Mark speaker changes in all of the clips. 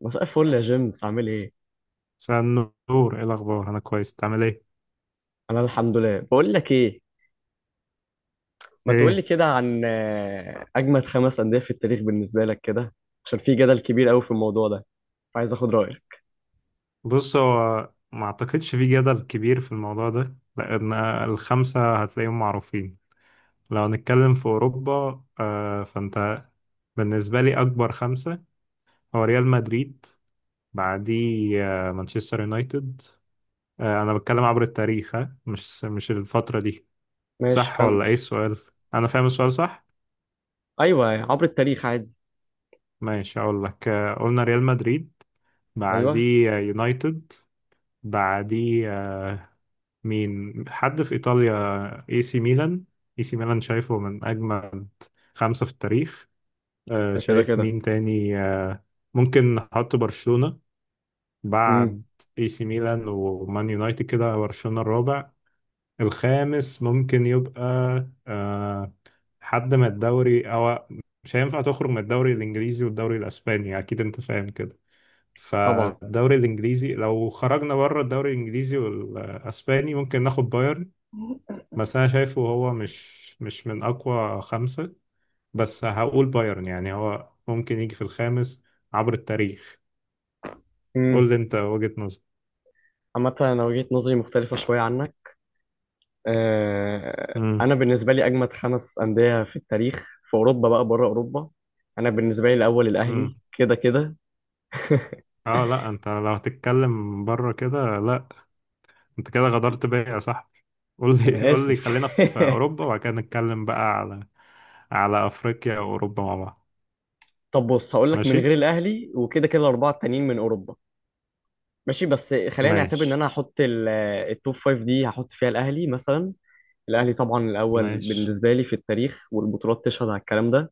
Speaker 1: مساء الفل يا جيمس، عامل ايه؟
Speaker 2: مساء النور، ايه الاخبار؟ انا كويس، تعمل ايه؟
Speaker 1: انا الحمد لله. بقول لك ايه، ما تقول لي
Speaker 2: ايه؟
Speaker 1: كده عن اجمد خمس انديه في التاريخ بالنسبه لك كده. عشان في جدل كبير قوي في الموضوع ده، فعايز اخد رايك.
Speaker 2: بص، هو ما اعتقدش في جدل كبير في الموضوع ده، لان الخمسه هتلاقيهم معروفين. لو هنتكلم في اوروبا فانت بالنسبه لي اكبر خمسه، هو ريال مدريد. بعديه مانشستر يونايتد. انا بتكلم عبر التاريخ، ها، مش الفتره دي.
Speaker 1: ماشي
Speaker 2: صح ولا
Speaker 1: كمل.
Speaker 2: ايه السؤال؟ انا فاهم السؤال صح.
Speaker 1: ايوه، عبر التاريخ عادي.
Speaker 2: ماشي، اقول لك. قلنا ريال مدريد.
Speaker 1: ايوه.
Speaker 2: بعديه يونايتد. بعديه، مين حد في إيطاليا؟ اي سي ميلان. اي سي ميلان شايفه من أجمل خمسة في التاريخ.
Speaker 1: ده كده
Speaker 2: شايف
Speaker 1: كده.
Speaker 2: مين تاني؟ ممكن نحط برشلونة
Speaker 1: امم.
Speaker 2: بعد اي سي ميلان ومان يونايتد كده، برشلونة الرابع. الخامس ممكن يبقى آه، حد من الدوري، أو مش هينفع تخرج من الدوري الإنجليزي والدوري الأسباني، أكيد أنت فاهم كده.
Speaker 1: طبعا.
Speaker 2: فالدوري الإنجليزي، لو خرجنا بره الدوري الإنجليزي والأسباني ممكن ناخد بايرن. بس انا شايفه هو مش من اقوى خمسة. بس هقول بايرن، يعني هو ممكن يجي في الخامس عبر التاريخ.
Speaker 1: امم.
Speaker 2: قول لي انت وجهة نظر.
Speaker 1: عامه انا وجهه نظري مختلفه شويه عنك.
Speaker 2: امم.
Speaker 1: انا بالنسبه لي اجمد خمس انديه في التاريخ في اوروبا، بقى بره اوروبا. انا بالنسبه لي الاول
Speaker 2: امم.
Speaker 1: الاهلي كده كده.
Speaker 2: اه لا، انت لو هتتكلم بره كده لا. انت كده غدرت بيا يا صاحبي. قول لي
Speaker 1: انا
Speaker 2: قول لي،
Speaker 1: اسف.
Speaker 2: خلينا في اوروبا وبعد كده نتكلم بقى على افريقيا واوروبا مع بعض.
Speaker 1: طب بص، هقول لك من
Speaker 2: ماشي.
Speaker 1: غير الاهلي، وكده كده الاربعه التانيين من اوروبا. ماشي، بس خلينا نعتبر ان
Speaker 2: ماشي.
Speaker 1: انا هحط التوب فايف دي، هحط فيها الاهلي مثلا. الاهلي طبعا الاول
Speaker 2: ماشي.
Speaker 1: بالنسبه لي في التاريخ، والبطولات تشهد على الكلام ده.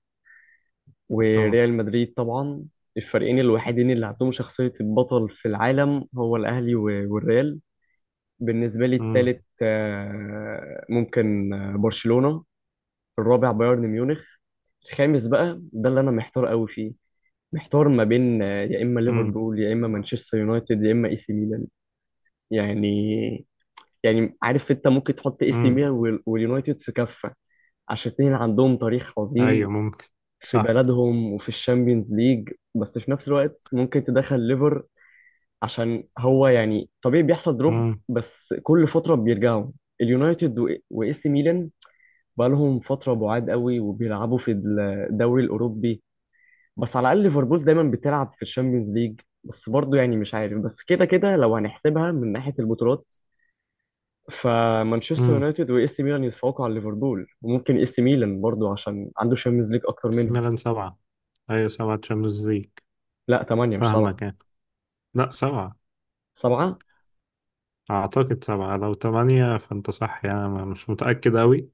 Speaker 2: طبعا.
Speaker 1: وريال مدريد طبعا. الفريقين الوحيدين اللي عندهم شخصيه البطل في العالم هو الاهلي والريال. بالنسبه لي
Speaker 2: امم.
Speaker 1: التالت ممكن برشلونه. الرابع بايرن ميونخ. الخامس بقى ده اللي انا محتار قوي فيه. محتار ما بين يا اما
Speaker 2: امم.
Speaker 1: ليفربول، يا اما مانشستر يونايتد، يا اما اي سي ميلان. يعني، يعني عارف انت ممكن تحط اي سي
Speaker 2: امم.
Speaker 1: ميلان واليونايتد في كفه، عشان الاثنين عندهم تاريخ عظيم
Speaker 2: ايوه، ممكن.
Speaker 1: في
Speaker 2: صح.
Speaker 1: بلدهم وفي الشامبيونز ليج. بس في نفس الوقت ممكن تدخل ليفر، عشان هو يعني طبيعي بيحصل دروب،
Speaker 2: امم.
Speaker 1: بس كل فتره بيرجعوا. اليونايتد واي سي ميلان بقالهم فتره بعاد قوي، وبيلعبوا في الدوري الاوروبي. بس على الاقل ليفربول دايما بتلعب في الشامبيونز ليج. بس برضه يعني مش عارف، بس كده كده لو هنحسبها من ناحيه البطولات، فمانشستر
Speaker 2: امم.
Speaker 1: يونايتد واي سي ميلان يتفوقوا على ليفربول. وممكن اي سي ميلان برضه، عشان عنده شامبيونز ليج اكتر
Speaker 2: سي
Speaker 1: منهم.
Speaker 2: ميلان سبعة. أيوة، سبعة تشامبيونز ليج.
Speaker 1: لا، 8 مش 7.
Speaker 2: فاهمك يعني. لا، سبعة.
Speaker 1: 7.
Speaker 2: أعتقد سبعة، لو تمانية فأنت صح، يعني أنا مش متأكد أوي.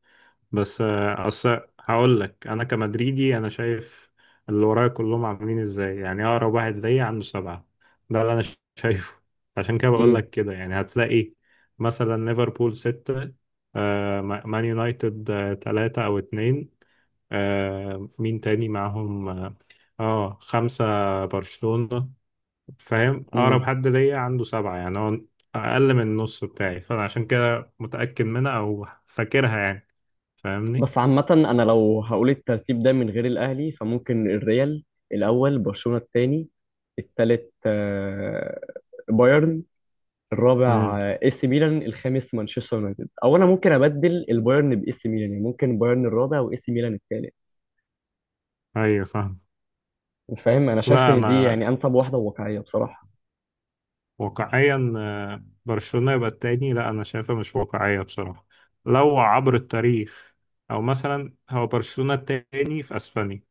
Speaker 2: بس أصل هقول لك، أنا كمدريدي أنا شايف اللي ورايا كلهم عاملين إزاي، يعني أقرب واحد ليا عنده سبعة. ده اللي أنا شايفه. عشان كده بقول
Speaker 1: امم.
Speaker 2: لك كده، يعني هتلاقي مثلا ليفربول ستة، مان يونايتد تلاتة أو اتنين. مين تاني معاهم؟ اه، خمسة، برشلونة. فاهم؟ اقرب
Speaker 1: امم.
Speaker 2: حد ليا عنده سبعة، يعني هو اقل من النص بتاعي، فانا عشان كده متأكد منها او فاكرها يعني. فاهمني.
Speaker 1: بس عامه انا لو هقول الترتيب ده من غير الاهلي، فممكن الريال الاول، برشلونه الثاني، الثالث بايرن، الرابع
Speaker 2: امم.
Speaker 1: اي سي ميلان، الخامس مانشستر يونايتد. او انا ممكن ابدل البايرن باي سي ميلان، يعني ممكن بايرن الرابع واي سي ميلان الثالث.
Speaker 2: ايوه فاهم.
Speaker 1: فاهم، انا شايف
Speaker 2: لا
Speaker 1: ان دي
Speaker 2: انا
Speaker 1: يعني انسب واحده وواقعيه بصراحه.
Speaker 2: واقعيا برشلونة يبقى التاني؟ لا انا شايفها مش واقعية بصراحة لو عبر التاريخ. او مثلا هو برشلونة التاني في اسبانيا،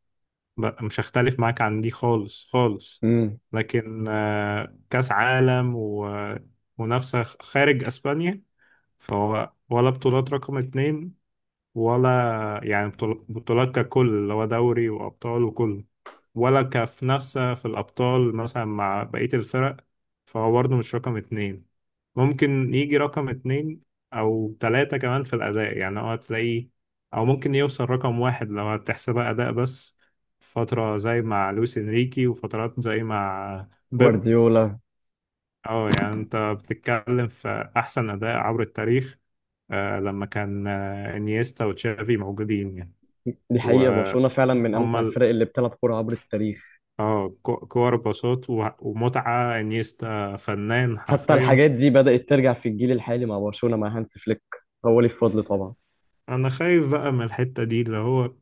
Speaker 2: مش هختلف معاك عن دي خالص خالص.
Speaker 1: امم.
Speaker 2: لكن كاس عالم ومنافسة خارج اسبانيا، فهو ولا بطولات رقم اتنين، ولا يعني بطولات ككل اللي هو دوري وأبطال وكله، ولا كمنافسة في الأبطال مثلا مع بقية الفرق. فهو برضه مش رقم اتنين. ممكن يجي رقم اتنين أو تلاتة، كمان في الأداء يعني هو هتلاقيه، أو ممكن يوصل رقم واحد لو هتحسبها أداء بس، فترة زي مع لويس إنريكي وفترات زي مع بيب.
Speaker 1: جوارديولا.
Speaker 2: اه، يعني انت بتتكلم في احسن اداء عبر التاريخ لما كان انيستا وتشافي موجودين يعني.
Speaker 1: دي حقيقه، برشلونه فعلا من
Speaker 2: وهم
Speaker 1: امتع الفرق اللي بتلعب كوره عبر التاريخ.
Speaker 2: اه، كور باصات ومتعة، انيستا فنان
Speaker 1: حتى
Speaker 2: حرفيا.
Speaker 1: الحاجات دي بدات ترجع في الجيل الحالي مع برشلونه مع هانس فليك. هو ليه فضل طبعا.
Speaker 2: انا خايف بقى من الحتة دي، اللي هو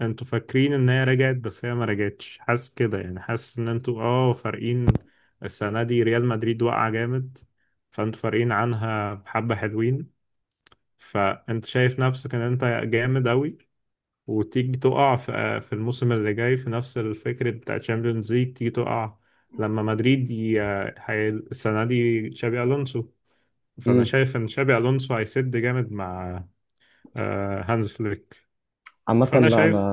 Speaker 2: انتوا فاكرين ان هي رجعت، بس هي ما رجعتش، حاسس كده يعني، حاسس ان انتوا اه فارقين. السنة دي ريال مدريد واقعة جامد، فانتوا فارقين عنها بحبة حلوين، فانت شايف نفسك ان انت جامد اوي، وتيجي تقع في الموسم اللي جاي في نفس الفكرة بتاع تشامبيونز ليج، تيجي تقع لما مدريد السنة دي تشابي ألونسو. فأنا
Speaker 1: امم.
Speaker 2: شايف إن تشابي ألونسو هيسد جامد مع هانز فليك.
Speaker 1: عامه
Speaker 2: فانا
Speaker 1: لا، انا
Speaker 2: شايف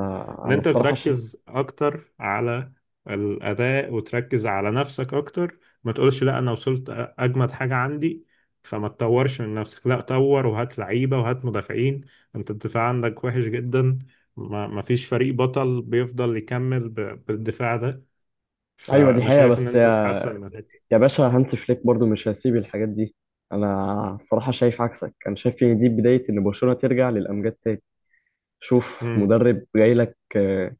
Speaker 2: ان
Speaker 1: انا
Speaker 2: انت
Speaker 1: الصراحه
Speaker 2: تركز اكتر على الاداء وتركز على نفسك اكتر، ما تقولش لا انا وصلت اجمد حاجه عندي. فما تطورش من نفسك، لا طور وهات لعيبه وهات مدافعين. انت الدفاع عندك وحش جدا. ما فيش فريق بطل بيفضل يكمل بالدفاع ده.
Speaker 1: ايوه دي
Speaker 2: فانا
Speaker 1: حقيقه،
Speaker 2: شايف ان
Speaker 1: بس
Speaker 2: انت تحسن من الحته.
Speaker 1: يا باشا هانس فليك برضو مش هسيب الحاجات دي. انا الصراحه شايف عكسك. انا شايف ان دي بدايه ان برشلونه ترجع للامجاد تاني. شوف
Speaker 2: امم.
Speaker 1: مدرب جاي لك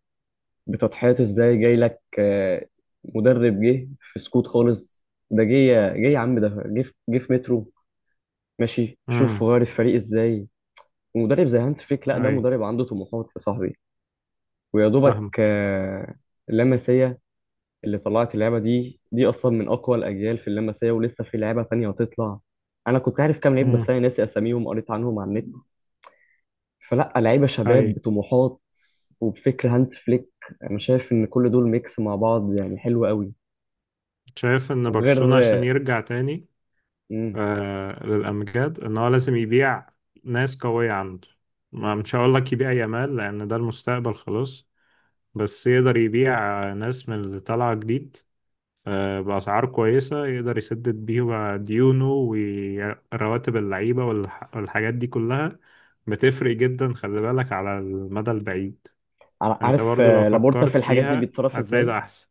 Speaker 1: بتضحيات ازاي، جاي لك مدرب جه في سكوت خالص. ده جه يا عم، ده جه جه في مترو. ماشي، شوف
Speaker 2: امم.
Speaker 1: غير الفريق ازاي. ومدرب زي هانس فليك، لا ده
Speaker 2: اي.
Speaker 1: مدرب عنده طموحات يا صاحبي. ويا دوبك
Speaker 2: فاهمك.
Speaker 1: لمسيه اللي طلعت، اللعبة دي أصلا من أقوى الأجيال في اللمسية. ولسه في لعبة تانية هتطلع. أنا كنت عارف كام لعيب، بس
Speaker 2: امم.
Speaker 1: أنا ناسي أساميهم، قريت عنهم على النت. فلا، لعيبة شباب
Speaker 2: اي.
Speaker 1: بطموحات وبفكر هانز فليك. أنا شايف إن كل دول ميكس مع بعض يعني حلو قوي.
Speaker 2: شايف ان برشلونه عشان
Speaker 1: وغير
Speaker 2: يرجع تاني
Speaker 1: مم.
Speaker 2: للأمجاد، إن هو لازم يبيع ناس قوية عنده. ما مش هقول لك يبيع يامال، لأن ده المستقبل خلاص. بس يقدر يبيع ناس من اللي طالعة جديد بأسعار كويسة، يقدر يسدد بيها ديونه ورواتب اللعيبة والحاجات دي كلها. بتفرق جدا، خلي بالك على المدى البعيد. أنت
Speaker 1: عارف
Speaker 2: برضو لو
Speaker 1: لابورتا في
Speaker 2: فكرت
Speaker 1: الحاجات دي
Speaker 2: فيها
Speaker 1: بيتصرف
Speaker 2: هتلاقي
Speaker 1: إزاي؟
Speaker 2: ده أحسن.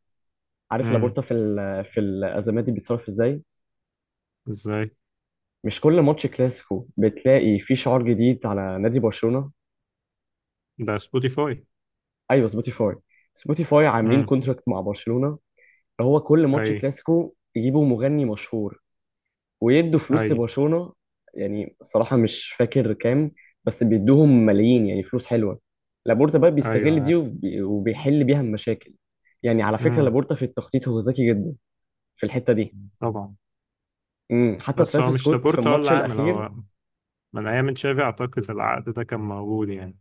Speaker 1: عارف
Speaker 2: امم.
Speaker 1: لابورتا في في الأزمات دي بيتصرف إزاي؟
Speaker 2: إزاي؟
Speaker 1: مش كل ماتش كلاسيكو بتلاقي فيه شعار جديد على نادي برشلونة؟
Speaker 2: ده سبوتيفاي.
Speaker 1: أيوه، سبوتيفاي. سبوتيفاي عاملين
Speaker 2: امم.
Speaker 1: كونتراكت مع برشلونة. هو كل ماتش
Speaker 2: أي.
Speaker 1: كلاسيكو يجيبوا مغني مشهور ويدوا فلوس
Speaker 2: أي.
Speaker 1: لبرشلونة. يعني صراحة مش فاكر كام، بس بيدوهم ملايين، يعني فلوس حلوة. لابورتا بقى
Speaker 2: أيوة،
Speaker 1: بيستغل دي
Speaker 2: عارف.
Speaker 1: وبيحل بيها المشاكل. يعني على فكرة
Speaker 2: مم.
Speaker 1: لابورتا في التخطيط هو ذكي جدا في الحتة دي.
Speaker 2: طبعا.
Speaker 1: امم، حتى
Speaker 2: بس هو
Speaker 1: ترافيس
Speaker 2: مش
Speaker 1: سكوت في
Speaker 2: لابورتا
Speaker 1: الماتش
Speaker 2: ولا عامل
Speaker 1: الأخير.
Speaker 2: هو، من أيام تشافي أعتقد العقد ده كان موجود يعني.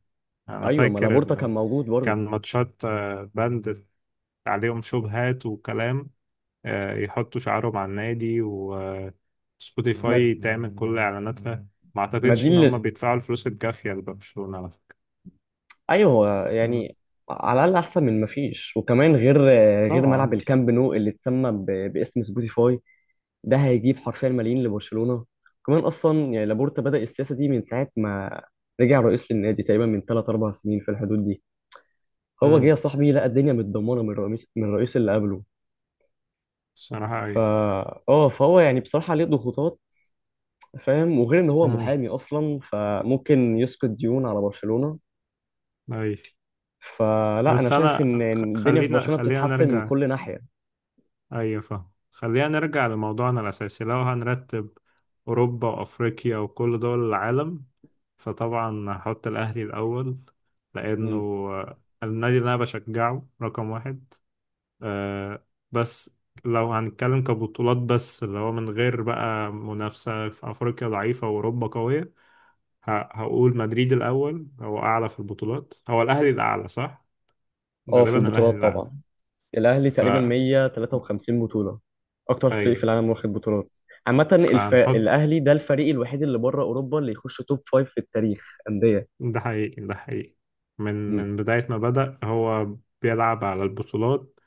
Speaker 2: أنا
Speaker 1: أيوة، ما
Speaker 2: فاكر
Speaker 1: لابورتا كان
Speaker 2: إن
Speaker 1: موجود برضه.
Speaker 2: كان ماتشات بند عليهم شبهات وكلام، يحطوا شعارهم على النادي
Speaker 1: ما,
Speaker 2: وسبوتيفاي تعمل كل إعلاناتها. ما
Speaker 1: ما دي
Speaker 2: أعتقدش إن هم بيدفعوا الفلوس الكافية لبرشلونة على فكرة.
Speaker 1: أيوة هو
Speaker 2: مم.
Speaker 1: يعني على الأقل أحسن من ما فيش. وكمان غير، غير ملعب
Speaker 2: طبعا.
Speaker 1: الكامب نو اللي باسم سبوتيفاي، ده هيجيب حرفيا ملايين لبرشلونه. كمان اصلا يعني لابورتا بدا السياسه دي من ساعه ما رجع رئيس للنادي، تقريبا من 3 4 سنين في الحدود دي. هو جه يا
Speaker 2: مم.
Speaker 1: صاحبي لقى الدنيا متدمره من الرئيس اللي قبله.
Speaker 2: الصراحة
Speaker 1: فا،
Speaker 2: أي.
Speaker 1: اه، فهو يعني بصراحه عليه ضغوطات، فاهم. وغير ان هو
Speaker 2: مم.
Speaker 1: محامي اصلا، فممكن يسقط ديون على برشلونه.
Speaker 2: أي.
Speaker 1: فلا، انا
Speaker 2: بس
Speaker 1: شايف
Speaker 2: أنا
Speaker 1: إن الدنيا في برشلونه
Speaker 2: خلينا
Speaker 1: بتتحسن من
Speaker 2: نرجع.
Speaker 1: كل ناحيه.
Speaker 2: ايوه فاهم، خلينا نرجع لموضوعنا الاساسي. لو هنرتب اوروبا وافريقيا وكل دول العالم، فطبعا هحط الاهلي الاول، لانه
Speaker 1: مم.
Speaker 2: النادي اللي انا بشجعه رقم واحد. آه، بس لو هنتكلم كبطولات بس اللي هو من غير بقى منافسة في افريقيا ضعيفة واوروبا قوية، هقول مدريد الاول. هو اعلى في البطولات؟ هو الاهلي الاعلى صح.
Speaker 1: اه، في
Speaker 2: غالبا الاهلي
Speaker 1: البطولات
Speaker 2: الاعلى.
Speaker 1: طبعا. الأهلي
Speaker 2: ف
Speaker 1: تقريبا 153 بطولة، أكتر فريق في
Speaker 2: ايوه،
Speaker 1: العالم واخد بطولات. عامة الأهلي
Speaker 2: فهنحط.
Speaker 1: ده الفريق الوحيد اللي بره أوروبا اللي يخش توب فايف في التاريخ أندية.
Speaker 2: ده حقيقي، ده حقيقي. من
Speaker 1: مم.
Speaker 2: من بداية ما بدأ هو بيلعب على البطولات،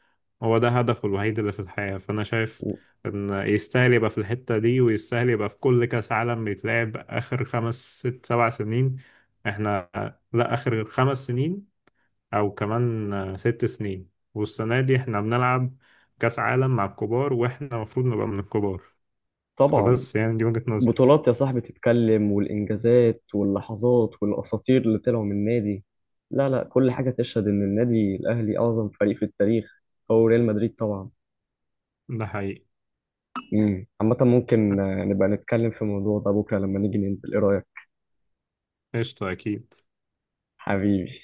Speaker 2: هو ده هدفه الوحيد اللي في الحياة. فأنا شايف
Speaker 1: و-
Speaker 2: إن يستاهل يبقى في الحتة دي، ويستاهل يبقى في كل كأس عالم بيتلعب آخر 5 6 7 سنين. إحنا، لا آخر 5 سنين أو كمان 6 سنين، والسنة دي إحنا بنلعب كأس عالم مع الكبار، وإحنا المفروض نبقى من الكبار.
Speaker 1: طبعا
Speaker 2: فبس يعني دي وجهة نظري.
Speaker 1: بطولات يا صاحبي تتكلم، والإنجازات واللحظات والأساطير اللي طلعوا من النادي. لا لا، كل حاجة تشهد إن النادي الأهلي أعظم فريق في التاريخ. هو ريال مدريد طبعا.
Speaker 2: ده حقيقي.
Speaker 1: مم. عامة ممكن نبقى نتكلم في الموضوع ده بكرة لما نيجي ننزل، إيه رأيك؟
Speaker 2: قشطة أكيد.
Speaker 1: حبيبي.